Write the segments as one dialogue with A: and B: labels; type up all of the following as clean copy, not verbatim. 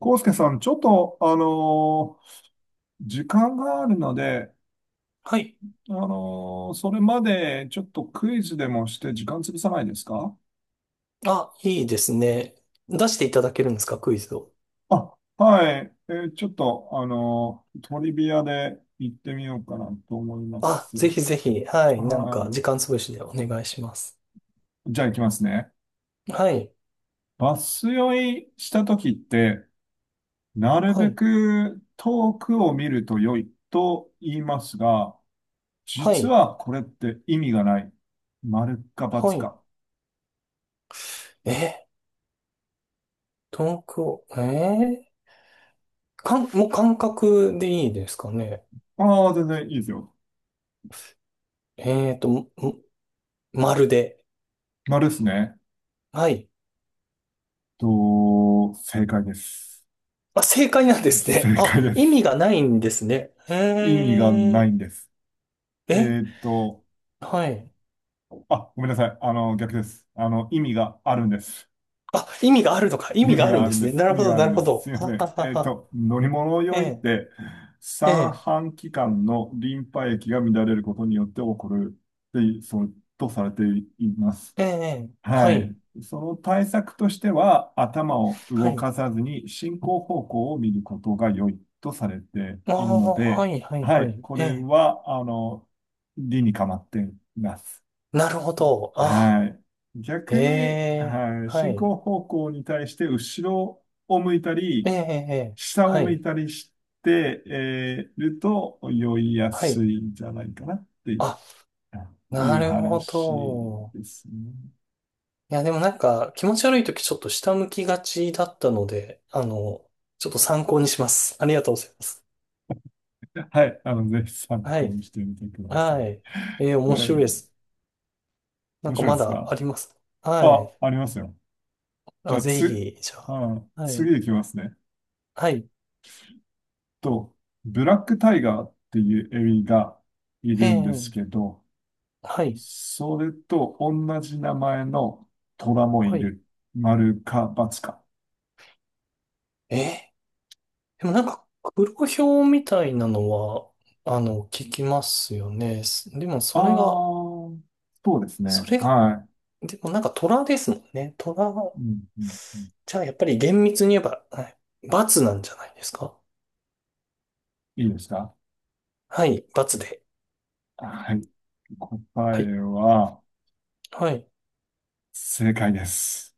A: 康介さん、ちょっと、時間があるので、
B: はい。
A: それまでちょっとクイズでもして時間潰さないですか？
B: あ、いいですね。出していただけるんですか？クイズを。
A: あ、はい。ちょっと、トリビアで行ってみようかなと思いま
B: あ、
A: す。
B: ぜひぜひ。はい。なんか、時
A: は
B: 間潰しでお願いします。
A: い。じゃあ行きますね。
B: はい。
A: バス酔いした時って、なる
B: は
A: べ
B: い。
A: く遠くを見ると良いと言いますが、
B: は
A: 実
B: い。
A: はこれって意味がない。丸か
B: は
A: ×
B: い。
A: か。
B: え東京、もう感覚でいいですかね？
A: ああ、全然いいですよ。
B: もまるで。
A: 丸ですね。
B: はい。
A: と、正解です。
B: あ、正解なんですね。
A: 正
B: あ、
A: 解で
B: 意味
A: す。
B: がないんですね。
A: 意味がないんです。え
B: え、
A: ーっと、
B: はい。
A: あ、ごめんなさい。あの、逆です。あの、意味があるんです。
B: あ、意味があるのか。意味があるんですね。なる
A: 意味
B: ほ
A: が
B: ど、
A: ある
B: な
A: ん
B: る
A: で
B: ほ
A: す。すい
B: ど。
A: ま
B: あ
A: せ
B: は
A: ん。
B: はは。
A: 乗り物
B: え
A: 用いっ
B: え、
A: て、
B: え
A: 三
B: え。
A: 半規管のリンパ液が乱れることによって起こるって、そう、とされています。
B: ええ、は
A: はい。
B: い、
A: その対策としては、頭を
B: は
A: 動
B: い。
A: かさずに進行方向を見ることが良いとされて
B: あ
A: いるの
B: あ、は
A: で、
B: い、はい、
A: は
B: は
A: い。
B: い。
A: こ
B: え
A: れ
B: え、
A: は、あの、理にかまっています。
B: なるほど。あ、
A: はい。
B: え
A: 逆に、
B: え、
A: はい。
B: は
A: 進
B: い。
A: 行方向に対して後ろを向いた
B: ええ、
A: り、
B: ええ、ええ
A: 下を
B: は
A: 向
B: い、
A: いたりして、えーると酔いや
B: はい。
A: すいんじゃないかなっていう
B: あ、なるほ
A: 話
B: ど。
A: ですね。
B: いや、でもなんか、気持ち悪いときちょっと下向きがちだったので、ちょっと参考にします。ありがとうございます。
A: はい。あの、ぜひ参
B: は
A: 考
B: い、
A: にしてみてくださ
B: はい。
A: い。
B: ええ、面
A: はい。
B: 白いです。なん
A: 面
B: か
A: 白い
B: ま
A: です
B: だあ
A: か？
B: ります。は
A: あ、
B: い。
A: ありますよ。じゃ
B: あ、
A: あ、
B: ぜ
A: つ、
B: ひ、じゃあ。
A: あ、
B: はい、
A: 次いきますね。
B: はい。
A: と、ブラックタイガーっていうエビがい
B: え
A: るんで
B: え、
A: すけど、
B: はい、
A: それと同じ名前の虎も
B: は
A: い
B: い。
A: る。丸か×か。
B: ええでもなんか、黒豹みたいなのは、聞きますよね。でも
A: あ
B: それが、
A: あ、そうです
B: そ
A: ね。
B: れが、
A: はい。
B: でもなんか虎ですもんね。虎、
A: うんうんうん、
B: じゃあやっぱり厳密に言えば、はい、罰なんじゃないですか？
A: いいですか？
B: はい、罰で。
A: はい。答
B: はい、
A: えは、
B: はい。
A: 正解です。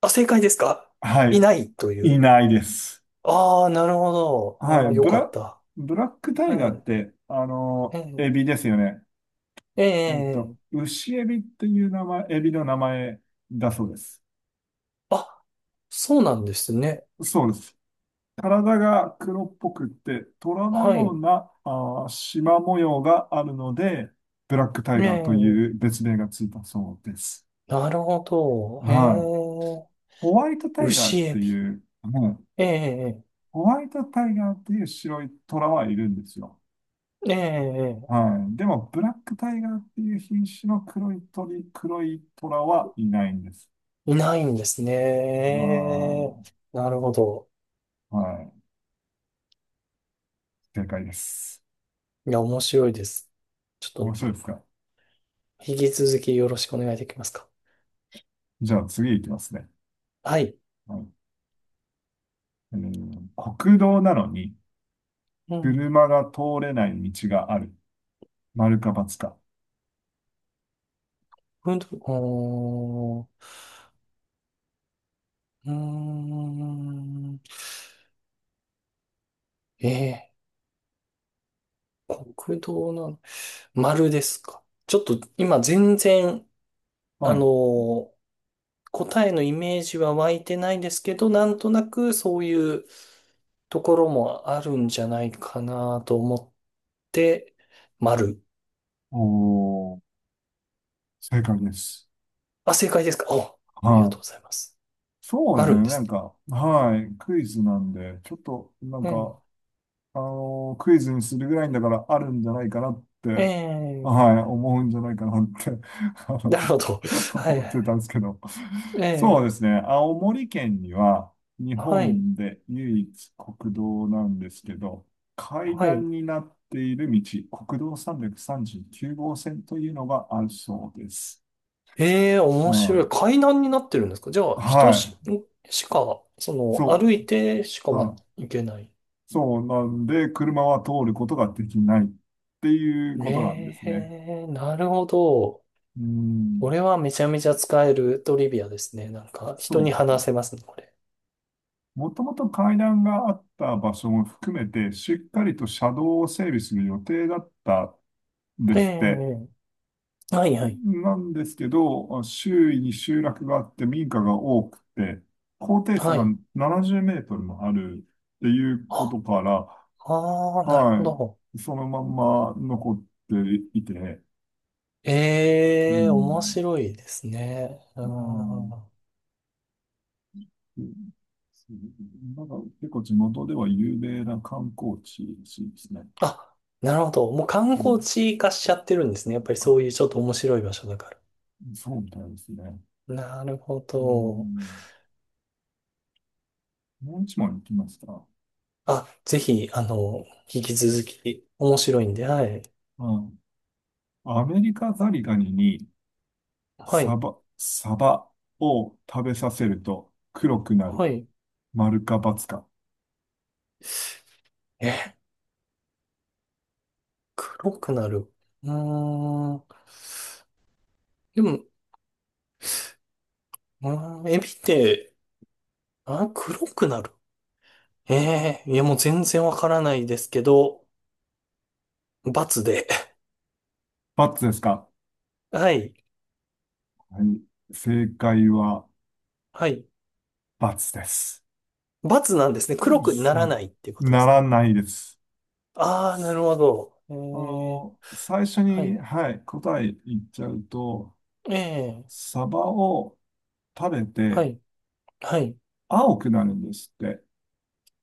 B: あ、正解ですか？
A: は
B: い
A: い。
B: ないとい
A: い
B: う。
A: ないです。
B: ああ、なるほど。い
A: は
B: や、
A: い、
B: よ
A: ブ
B: かっ
A: ラ、
B: た。
A: ブラックタイ
B: は
A: ガーっ
B: い。
A: て、あ
B: え
A: の、
B: え、
A: エビですよね。
B: え
A: えっと、
B: え、
A: 牛エビっていう名前、エビの名前だそうです。
B: あ、そうなんですね。
A: そうです。体が黒っぽくって、虎の
B: は
A: よ
B: い。
A: うな、あー、縞模様があるので、ブラックタイ
B: え
A: ガーとい
B: え、
A: う別名がついたそうです。
B: なるほど。え
A: はい。
B: え、
A: ホワイトタイガーっ
B: 牛エ
A: て
B: ビ。
A: いう、うん
B: ええ、
A: ホワイトタイガーっていう白い虎はいるんですよ。
B: ええ、え
A: はい。でも、ブラックタイガーっていう品種の黒い鳥、黒い虎はいないんです。
B: え、いないんですね。
A: は
B: なるほど。
A: い。はい。正解です。
B: いや、面白いです。ちょ
A: 面
B: っと、
A: 白いですか？
B: 引き続きよろしくお願いできますか？
A: じゃあ次いきますね。
B: はい。
A: はい。えー国道なのに
B: うん。
A: 車が通れない道がある。丸か×か。
B: ふんうーん。ええ、国道の丸ですか？ちょっと、今、全然、あ
A: は
B: の
A: い。
B: ー、答えのイメージは湧いてないですけど、なんとなくそういうところもあるんじゃないかなと思って、丸。
A: おー、正解です。
B: あ、正解ですか？お、ありがと
A: は
B: う
A: い。
B: ございます。
A: そう
B: あ
A: です
B: るん
A: ね。
B: で
A: なん
B: す
A: か、はい。クイズなんで、ちょっと、なん
B: ね。
A: か、あの、クイズにするぐらいんだからあるんじゃないかなっ
B: ええ、え
A: て、はい、
B: え、
A: 思うんじゃないかなって あの
B: なるほど。はい
A: 思
B: は
A: ってた
B: い。
A: んですけど。
B: え
A: そう
B: え、
A: ですね。青森県には日
B: はい、
A: 本で唯一国道なんですけど、階
B: はい。
A: 段になっている道、国道339号線というのがあるそうです。
B: ええ、
A: う
B: 面白い。
A: ん、
B: 階段になってるんですか？じゃあ、
A: は
B: しか、
A: い。そ
B: 歩いてしか
A: う、は
B: は
A: い。
B: いけない。
A: そうなんで、車は通ることができないっていうことなんで
B: ね
A: すね。
B: え、なるほど。
A: う
B: こ
A: ん。
B: れはめちゃめちゃ使えるトリビアですね。なんか、
A: そ
B: 人
A: う
B: に
A: なんで
B: 話
A: す。
B: せますね、これ。
A: もともと階段があった場所も含めて、しっかりと車道を整備する予定だったんで
B: え
A: すって。
B: え、はいはい。
A: なんですけど、周囲に集落があって民家が多くて、高低差
B: は
A: が
B: い。
A: 70メートルもあるっていうこ
B: あ、
A: とから、
B: ああ、なるほ
A: は
B: ど。
A: い、そのまんま残っていて、う
B: ええ、面
A: ん、
B: 白いですね。う
A: ま
B: ん。
A: あ、そう、なんか結構地元では有名な観光地ですね。
B: あ、なるほど。もう観
A: う
B: 光
A: ん、
B: 地化しちゃってるんですね。やっぱりそ
A: あ、
B: ういうちょっと面白い場所だか
A: そうみたいですね。
B: ら。なるほ
A: う
B: ど。
A: ん。もう一問いきますか？
B: あ、ぜひ、引き続き面白いんで、はい。
A: うん。アメリカザリガニに
B: はい。
A: サバを食べさせると黒くなる。
B: はい。
A: 丸か×か。
B: え、黒くなる。うーん。でも、うエビって、あ、黒くなる。ええ、いやもう全然わからないですけど、×で。
A: ×ですか？
B: はい。
A: はい。正解は
B: はい。
A: ×です。
B: バツなんですね。黒くなら
A: そ
B: ないっていうこ
A: う
B: とで
A: な
B: すか？
A: らないです。
B: ああー、なるほど。え
A: あ
B: え、
A: の、最初
B: は
A: に、
B: い。
A: はい、答え言っちゃうと、
B: ええ、
A: サバを食べ
B: は
A: て
B: い、はい。
A: 青くなるんですって。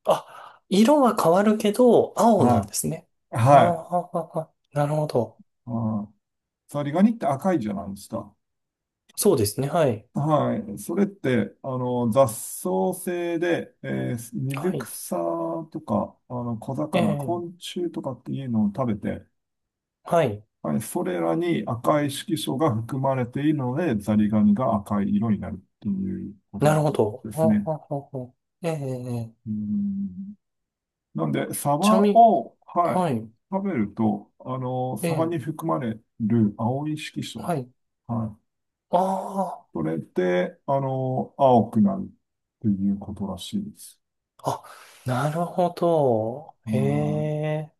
B: あ、色は変わるけど、青なん
A: は
B: ですね。
A: い。
B: あー
A: はい。
B: あー、あーなるほど。
A: あー、ザリガニって赤いじゃないですか。
B: そうですね。はい。
A: はい。それって、あの、雑草性で、水
B: はい。
A: 草とか、あの、小
B: え
A: 魚、
B: え、
A: 昆虫とかっていうのを食べて、
B: はい。
A: はい、それらに赤い色素が含まれているので、ザリガニが赤い色になるっていうこと
B: な
A: な
B: る
A: ん
B: ほど。
A: で
B: あー
A: すね。
B: あー、あーええ、
A: うん、なんで、サ
B: ち
A: バ
B: なみに、
A: を、はい、
B: はい。
A: 食べると、あの、
B: え
A: サバ
B: え、
A: に含まれる青い色素、
B: はい。
A: はい、
B: あ
A: それで、あの、青くなるっていうことらしいです。
B: あ、あ、なるほど。え
A: う、
B: え。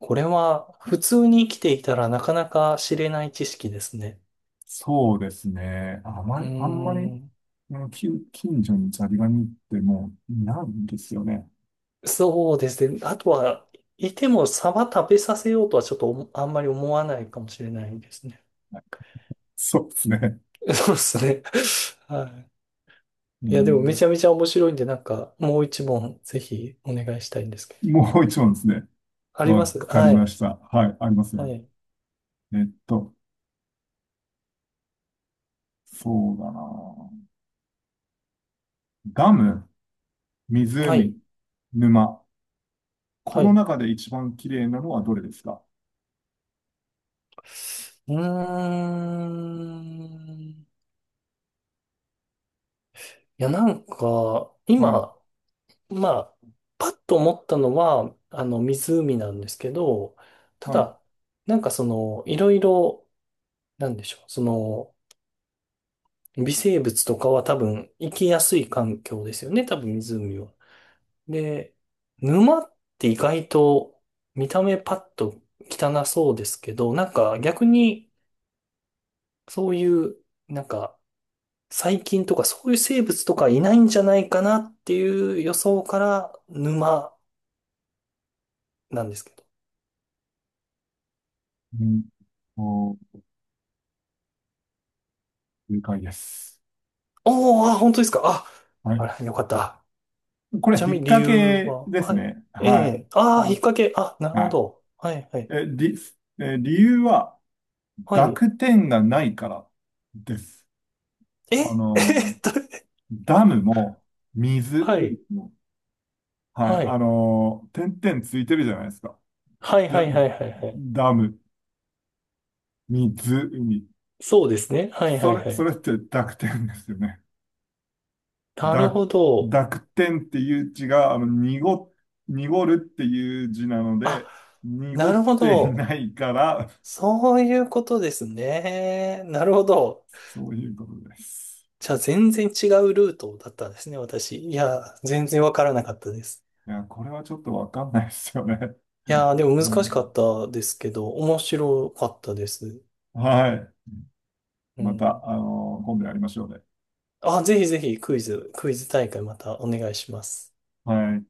B: これは普通に生きていたらなかなか知れない知識ですね。
A: そうですね。あま
B: うー
A: り、あんまり、
B: ん。
A: うん近所にザリガニってもういないんですよね。
B: そうですね。あとは、いてもサバ食べさせようとはちょっとあんまり思わないかもしれないですね。
A: そうですね。
B: そうですね。はい。
A: う
B: いや、でもめ
A: ん、
B: ちゃめちゃ面白いんで、なんかもう一問ぜひお願いしたいんですけど。
A: もう一問ですね。
B: ありま
A: わ
B: す
A: かり
B: は
A: ま
B: い。
A: した。はい、あります
B: は
A: よ。
B: い。
A: えっと、そうだな。ガム。
B: はい。
A: 湖、沼。こ
B: は
A: の
B: い。
A: 中で一番綺麗なのはどれですか？
B: うーん。いや、なんか、
A: はい。
B: 今、まあ、パッと思ったのは、湖なんですけど、た
A: はい。
B: だ、なんかその、いろいろ、なんでしょう、微生物とかは多分、生きやすい環境ですよね、多分湖は。で、沼って意外と、見た目パッと汚そうですけど、なんか逆に、そういう、なんか、細菌とかそういう生物とかいないんじゃないかなっていう予想から、沼なんですけど
A: うんと、正解です。
B: おー、あ、本当ですか？あ、
A: は
B: あ
A: い。
B: ら、よかった。
A: これ、
B: ちな
A: 引
B: み
A: っ
B: に理
A: 掛
B: 由
A: け
B: は、
A: です
B: はい。
A: ね。
B: え
A: はい。
B: え、
A: あ、
B: ああ、引っ掛け、あ、なるほ
A: は
B: ど。はい、は
A: い。
B: い。
A: え、理由は、
B: はい。
A: 濁点がないからです。
B: え、
A: あ
B: え
A: の、
B: っと、
A: ダムも、水
B: はい、
A: も、はい。
B: は
A: あ
B: い。
A: の、点々ついてるじゃないですか。
B: はい、は
A: ダ、
B: い、はい、はい、はい。
A: ダム、水、海。
B: そうですね。はい、はい、は
A: そ
B: い。
A: れって濁点ですよね。
B: なる
A: だ、
B: ほど。
A: 濁点っていう字が、あの、濁るっていう字なの
B: あ、
A: で、濁
B: なる
A: っ
B: ほ
A: てい
B: ど。
A: ないから、
B: そういうことですね。なるほど。
A: そういうことです。
B: じゃあ、全然違うルートだったんですね、私。いや、全然わからなかったです。
A: いや、これはちょっとわかんないですよね。
B: いやでも難
A: う
B: しか
A: ん、
B: ったですけど、面白かったです。
A: はい。
B: う
A: また、
B: ん。
A: あの今度やりましょうね。
B: あ、ぜひぜひクイズ大会またお願いします。
A: はい。